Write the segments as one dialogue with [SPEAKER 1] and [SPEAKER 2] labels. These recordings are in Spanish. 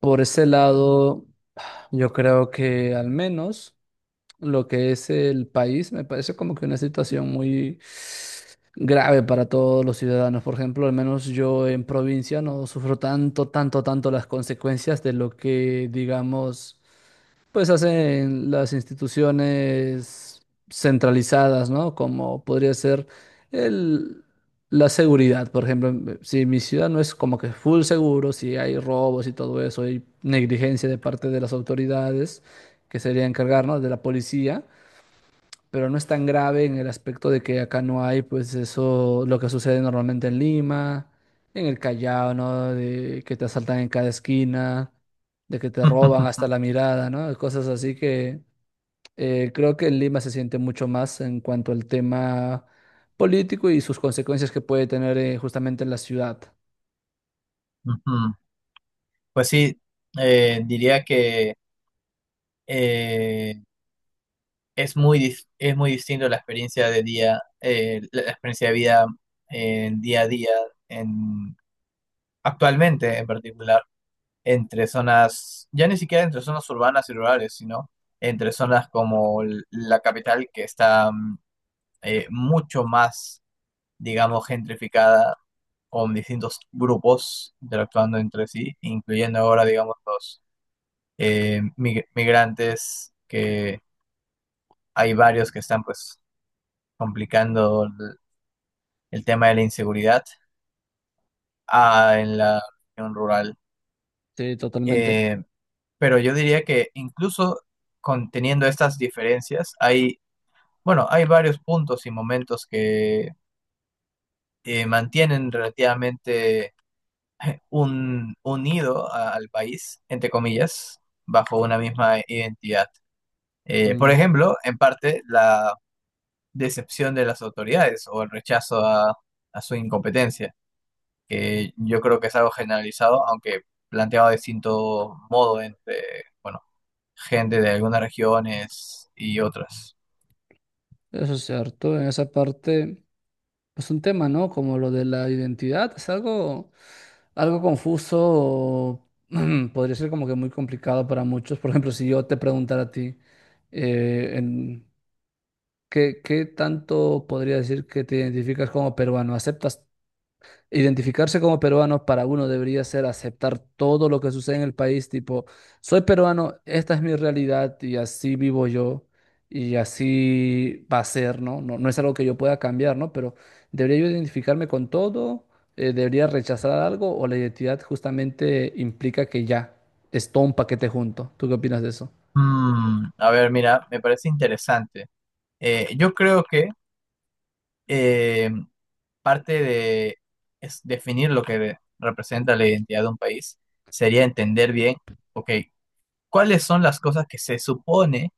[SPEAKER 1] Por ese lado, yo creo que al menos lo que es el país me parece como que una situación muy grave para todos los ciudadanos. Por ejemplo, al menos yo en provincia no sufro tanto, tanto, tanto las consecuencias de lo que, digamos, hacen las instituciones centralizadas, ¿no? Como podría ser el, la seguridad, por ejemplo, si mi ciudad no es como que full seguro, si hay robos y todo eso, hay negligencia de parte de las autoridades que sería encargar, ¿no?, de la policía, pero no es tan grave en el aspecto de que acá no hay, pues eso, lo que sucede normalmente en Lima, en el Callao, ¿no? De que te asaltan en cada esquina, de que te roban hasta la mirada, ¿no? Cosas así que creo que en Lima se siente mucho más en cuanto al tema político y sus consecuencias que puede tener, justamente en la ciudad.
[SPEAKER 2] Ujú. Pues sí, diría que eh, es muy, es muy distinto la experiencia de día, la experiencia de vida en día a día, en, actualmente en particular, entre zonas, ya ni siquiera entre zonas urbanas y rurales, sino entre zonas como la capital que está mucho más, digamos, gentrificada, con distintos grupos interactuando entre sí, incluyendo ahora, digamos, los migrantes, que hay varios que están pues complicando el tema de la inseguridad ah, en la región rural.
[SPEAKER 1] Sí, totalmente.
[SPEAKER 2] Eh, pero yo diría que incluso conteniendo estas diferencias, hay, bueno, hay varios puntos y momentos que mantienen relativamente un, unido al país, entre comillas, bajo una misma identidad. Por
[SPEAKER 1] Mm.
[SPEAKER 2] ejemplo, en parte, la decepción de las autoridades o el rechazo a su incompetencia, que yo creo que es algo generalizado, aunque planteado de distinto modo entre, bueno, gente de algunas regiones y otras.
[SPEAKER 1] Eso es cierto, en esa parte, es un tema, ¿no? Como lo de la identidad, es algo, algo confuso, o podría ser como que muy complicado para muchos. Por ejemplo, si yo te preguntara a ti, eh, en, ¿qué, qué tanto podría decir que te identificas como peruano? ¿Aceptas identificarse como peruano? Para uno debería ser aceptar todo lo que sucede en el país, tipo, soy peruano, esta es mi realidad y así vivo yo y así va a ser, ¿no? No, no es algo que yo pueda cambiar, ¿no? Pero ¿debería yo identificarme con todo? ¿Debería rechazar algo o la identidad justamente implica que ya es todo un paquete junto? ¿Tú qué opinas de eso?
[SPEAKER 2] Mm, a ver, mira, me parece interesante. Yo creo que eh, parte de es definir lo que representa la identidad de un país sería entender bien, ok, cuáles son las cosas que se supone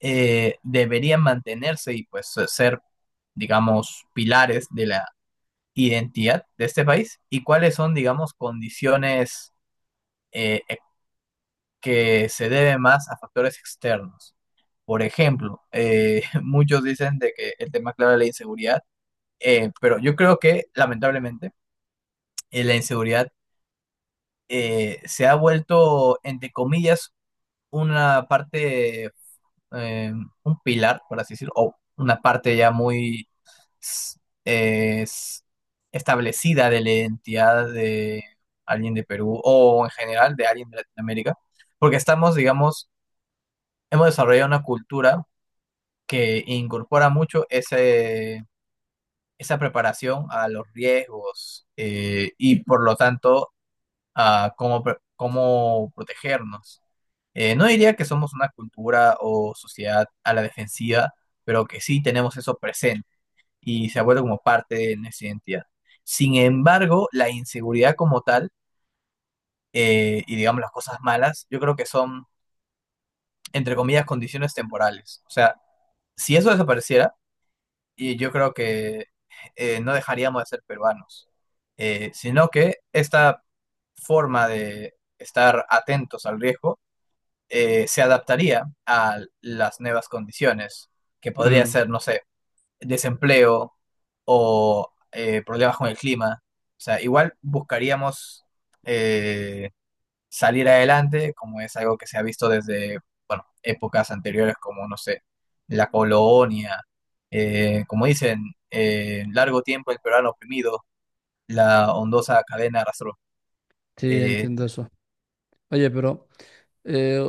[SPEAKER 2] deberían mantenerse y pues ser, digamos, pilares de la identidad de este país y cuáles son, digamos, condiciones e, que se deben más a factores externos. Por ejemplo, muchos dicen de que el tema clave es la inseguridad, pero yo creo que lamentablemente la inseguridad se ha vuelto, entre comillas, una parte, eh, un pilar, por así decirlo, o una parte ya muy s- es establecida de la identidad de alguien de Perú o en general de alguien de Latinoamérica, porque estamos, digamos, hemos desarrollado una cultura que incorpora mucho ese, esa preparación a los riesgos y por lo tanto a cómo, cómo protegernos. No diría que somos una cultura o sociedad a la defensiva, pero que sí tenemos eso presente y se ha vuelto como parte de nuestra identidad. Sin embargo, la inseguridad como tal y digamos las cosas malas, yo creo que son, entre comillas, condiciones temporales. O sea, si eso desapareciera, y yo creo que no dejaríamos de ser peruanos, sino que esta forma de estar atentos al riesgo se adaptaría a las nuevas condiciones, que podría
[SPEAKER 1] Mm,
[SPEAKER 2] ser, no sé, desempleo o problemas con el clima. O sea, igual buscaríamos eh, salir adelante, como es algo que se ha visto desde, bueno, épocas anteriores, como, no sé, la colonia, como dicen, largo tiempo el peruano oprimido, la ondosa cadena arrastró.
[SPEAKER 1] sí,
[SPEAKER 2] Eh,
[SPEAKER 1] entiendo eso. Oye, pero... eh,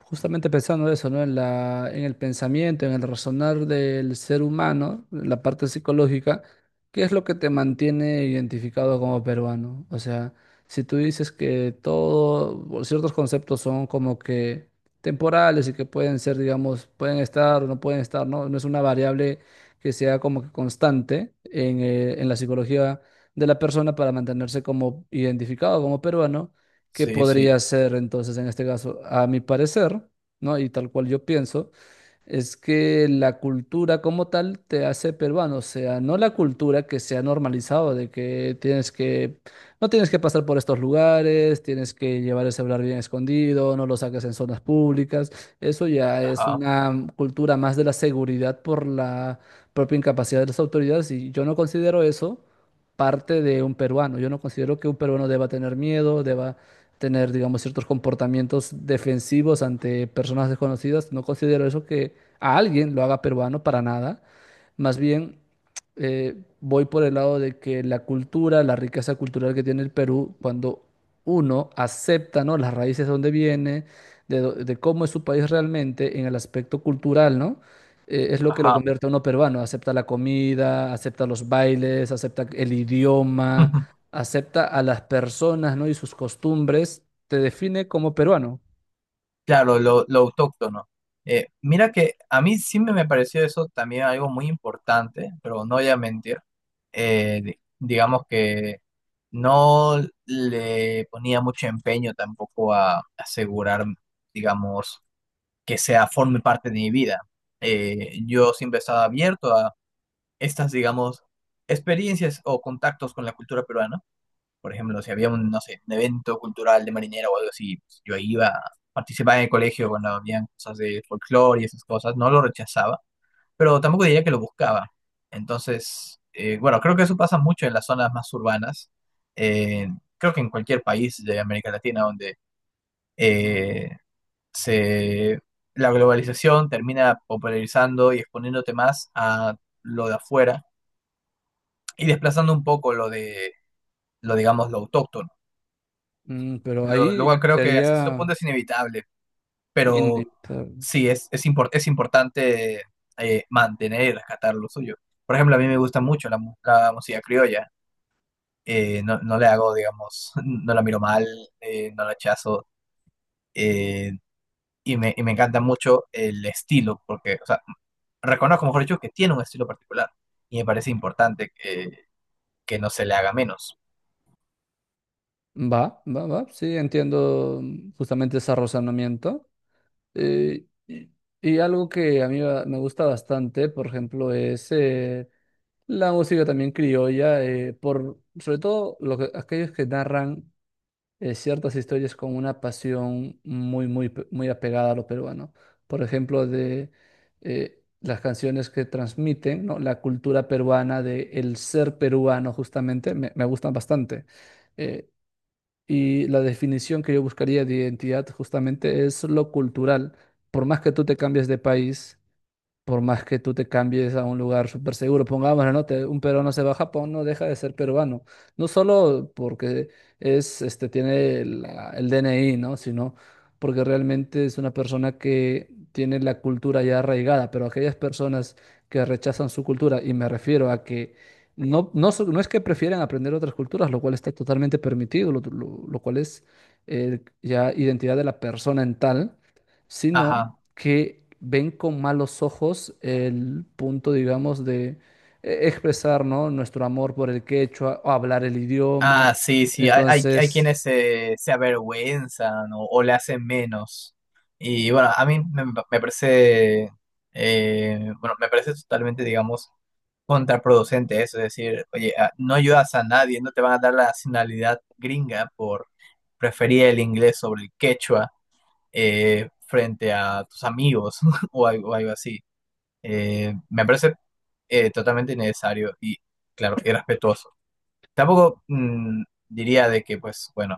[SPEAKER 1] justamente pensando eso, ¿no? En el pensamiento, en el razonar del ser humano, en la parte psicológica, ¿qué es lo que te mantiene identificado como peruano? O sea, si tú dices que todo, o ciertos conceptos son como que temporales y que pueden ser, digamos, pueden estar o no pueden estar, ¿no? No es una variable que sea como que constante en la psicología de la persona para mantenerse como identificado como peruano. ¿Qué
[SPEAKER 2] sí, sí,
[SPEAKER 1] podría ser entonces en este caso? A mi parecer, ¿no?, y tal cual yo pienso. Es que la cultura como tal te hace peruano, o sea, no la cultura que se ha normalizado de que tienes que, no tienes que pasar por estos lugares, tienes que llevar el celular bien escondido, no lo saques en zonas públicas. Eso ya es
[SPEAKER 2] ajá,
[SPEAKER 1] una cultura más de la seguridad por la propia incapacidad de las autoridades, y yo no considero eso parte de un peruano. Yo no considero que un peruano deba tener miedo, deba tener, digamos, ciertos comportamientos defensivos ante personas desconocidas. No considero eso que a alguien lo haga peruano para nada. Más bien, voy por el lado de que la cultura, la riqueza cultural que tiene el Perú, cuando uno acepta, ¿no?, las raíces de donde viene, de cómo es su país realmente en el aspecto cultural, ¿no? Es lo que lo
[SPEAKER 2] ajá.
[SPEAKER 1] convierte a uno peruano. Acepta la comida, acepta los bailes, acepta el idioma, acepta a las personas, ¿no?, y sus costumbres. Te define como peruano.
[SPEAKER 2] Claro, lo autóctono. Mira que a mí sí me pareció eso también algo muy importante, pero no voy a mentir. Digamos que no le ponía mucho empeño tampoco a asegurar, digamos, que sea forme parte de mi vida. Yo siempre estaba abierto a estas, digamos, experiencias o contactos con la cultura peruana, por ejemplo, si había un, no sé, un evento cultural de marinera o algo así, pues, yo iba, participaba en el colegio cuando habían cosas de folclore y esas cosas, no lo rechazaba, pero tampoco diría que lo buscaba. Entonces, bueno, creo que eso pasa mucho en las zonas más urbanas. eh, Creo que en cualquier país de América Latina donde eh, se, la globalización termina popularizando y exponiéndote más a lo de afuera y desplazando un poco lo de, lo digamos, lo autóctono.
[SPEAKER 1] Mm, pero ahí
[SPEAKER 2] Luego creo que hasta cierto punto
[SPEAKER 1] sería
[SPEAKER 2] es inevitable, pero
[SPEAKER 1] inevitable.
[SPEAKER 2] sí, es, es importante mantener y rescatar lo suyo. Por ejemplo, a mí me gusta mucho la, la música criolla. No, no le hago, digamos, no la miro mal, no la rechazo. eh, y, me, y me encanta mucho el estilo, porque, o sea, reconozco, mejor dicho, que tiene un estilo particular. Y me parece importante que no se le haga menos.
[SPEAKER 1] Va, va, va, sí, entiendo, mm, justamente ese razonamiento. Eh, y, y algo que a mí me gusta bastante, por ejemplo, es la música también criolla, por, sobre todo aquellos que narran ciertas historias con una pasión muy, muy, muy apegada a lo peruano. Por ejemplo, de las canciones que transmiten, ¿no?, la cultura peruana, de el ser peruano, justamente, me gustan bastante. Eh, y la definición que yo buscaría de identidad justamente es lo cultural. Por más que tú te cambies de país, por más que tú te cambies a un lugar súper seguro, pongámoslo, ¿no? Un peruano se va a Japón, no deja de ser peruano. No solo porque es, este, tiene el DNI, ¿no? Sino porque realmente es una persona que tiene la cultura ya arraigada, pero aquellas personas que rechazan su cultura, y me refiero a que no es que prefieren aprender otras culturas, lo cual está totalmente permitido, lo cual es ya identidad de la persona en tal, sino
[SPEAKER 2] Ajá.
[SPEAKER 1] que ven con malos ojos el punto, digamos, de expresar, ¿no?, nuestro amor por el quechua o hablar el idioma.
[SPEAKER 2] Ah, sí, sí, hay quienes
[SPEAKER 1] Entonces,
[SPEAKER 2] se, se avergüenzan o le hacen menos. Y bueno, a mí me, me parece, bueno, me parece totalmente, digamos, contraproducente eso, es decir, oye, ah, no ayudas a nadie, no te van a dar la nacionalidad gringa por preferir el inglés sobre el quechua frente a tus amigos o algo, algo así. Me parece totalmente innecesario y, claro, irrespetuoso. Tampoco mm, diría de que, pues, bueno,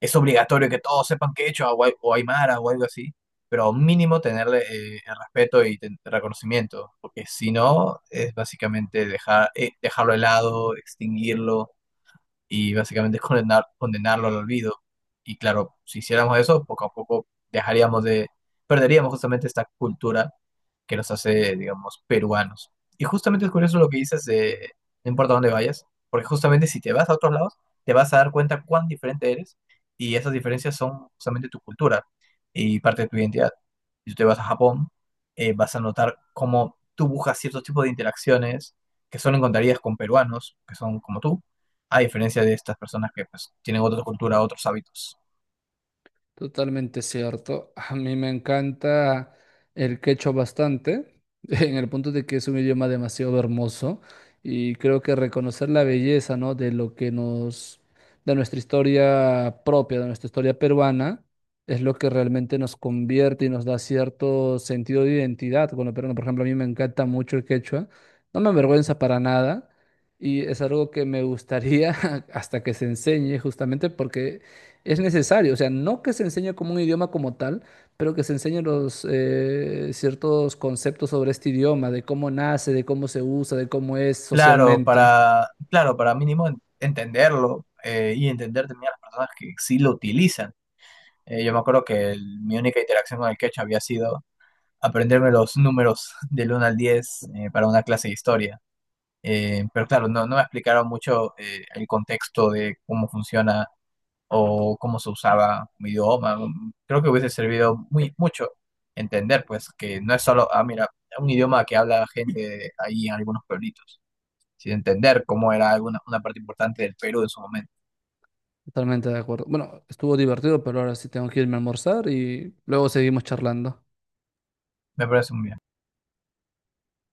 [SPEAKER 2] es obligatorio que todos sepan quechua o, o aymara o algo así, pero mínimo tenerle el respeto y reconocimiento, porque si no, es básicamente dejar, dejarlo de lado, extinguirlo y básicamente es condenar, condenarlo al olvido. Y claro, si hiciéramos eso, poco a poco dejaríamos de, perderíamos justamente esta cultura que nos hace, digamos, peruanos. Y justamente es curioso lo que dices de, no importa dónde vayas, porque justamente si te vas a otros lados, te vas a dar cuenta cuán diferente eres y esas diferencias son justamente tu cultura y parte de tu identidad. Si tú te vas a Japón, vas a notar cómo tú buscas ciertos tipos de interacciones que solo encontrarías con peruanos, que son como tú, a diferencia de estas personas que pues, tienen otra cultura, otros hábitos.
[SPEAKER 1] totalmente cierto. A mí me encanta el quechua bastante, en el punto de que es un idioma demasiado hermoso y creo que reconocer la belleza, ¿no?, de lo que nos, de nuestra historia propia, de nuestra historia peruana, es lo que realmente nos convierte y nos da cierto sentido de identidad con lo peruano. Por ejemplo, a mí me encanta mucho el quechua, no me avergüenza para nada y es algo que me gustaría hasta que se enseñe justamente porque... es necesario, o sea, no que se enseñe como un idioma como tal, pero que se enseñen los ciertos conceptos sobre este idioma, de cómo nace, de cómo se usa, de cómo es
[SPEAKER 2] Claro,
[SPEAKER 1] socialmente.
[SPEAKER 2] para, claro, para mínimo entenderlo y entender también a las personas que sí lo utilizan. Yo me acuerdo que mi única interacción con el quechua había sido aprenderme los números del 1 al 10 para una clase de historia. Pero claro, no, no me explicaron mucho el contexto de cómo funciona o cómo se usaba un idioma. Creo que hubiese servido muy mucho entender, pues, que no es solo, ah, mira, un idioma que habla gente ahí en algunos pueblitos, sino entender cómo era alguna, una parte importante del Perú en su momento.
[SPEAKER 1] Totalmente de acuerdo. Bueno, estuvo divertido, pero ahora sí tengo que irme a almorzar y luego seguimos charlando.
[SPEAKER 2] Me parece muy bien.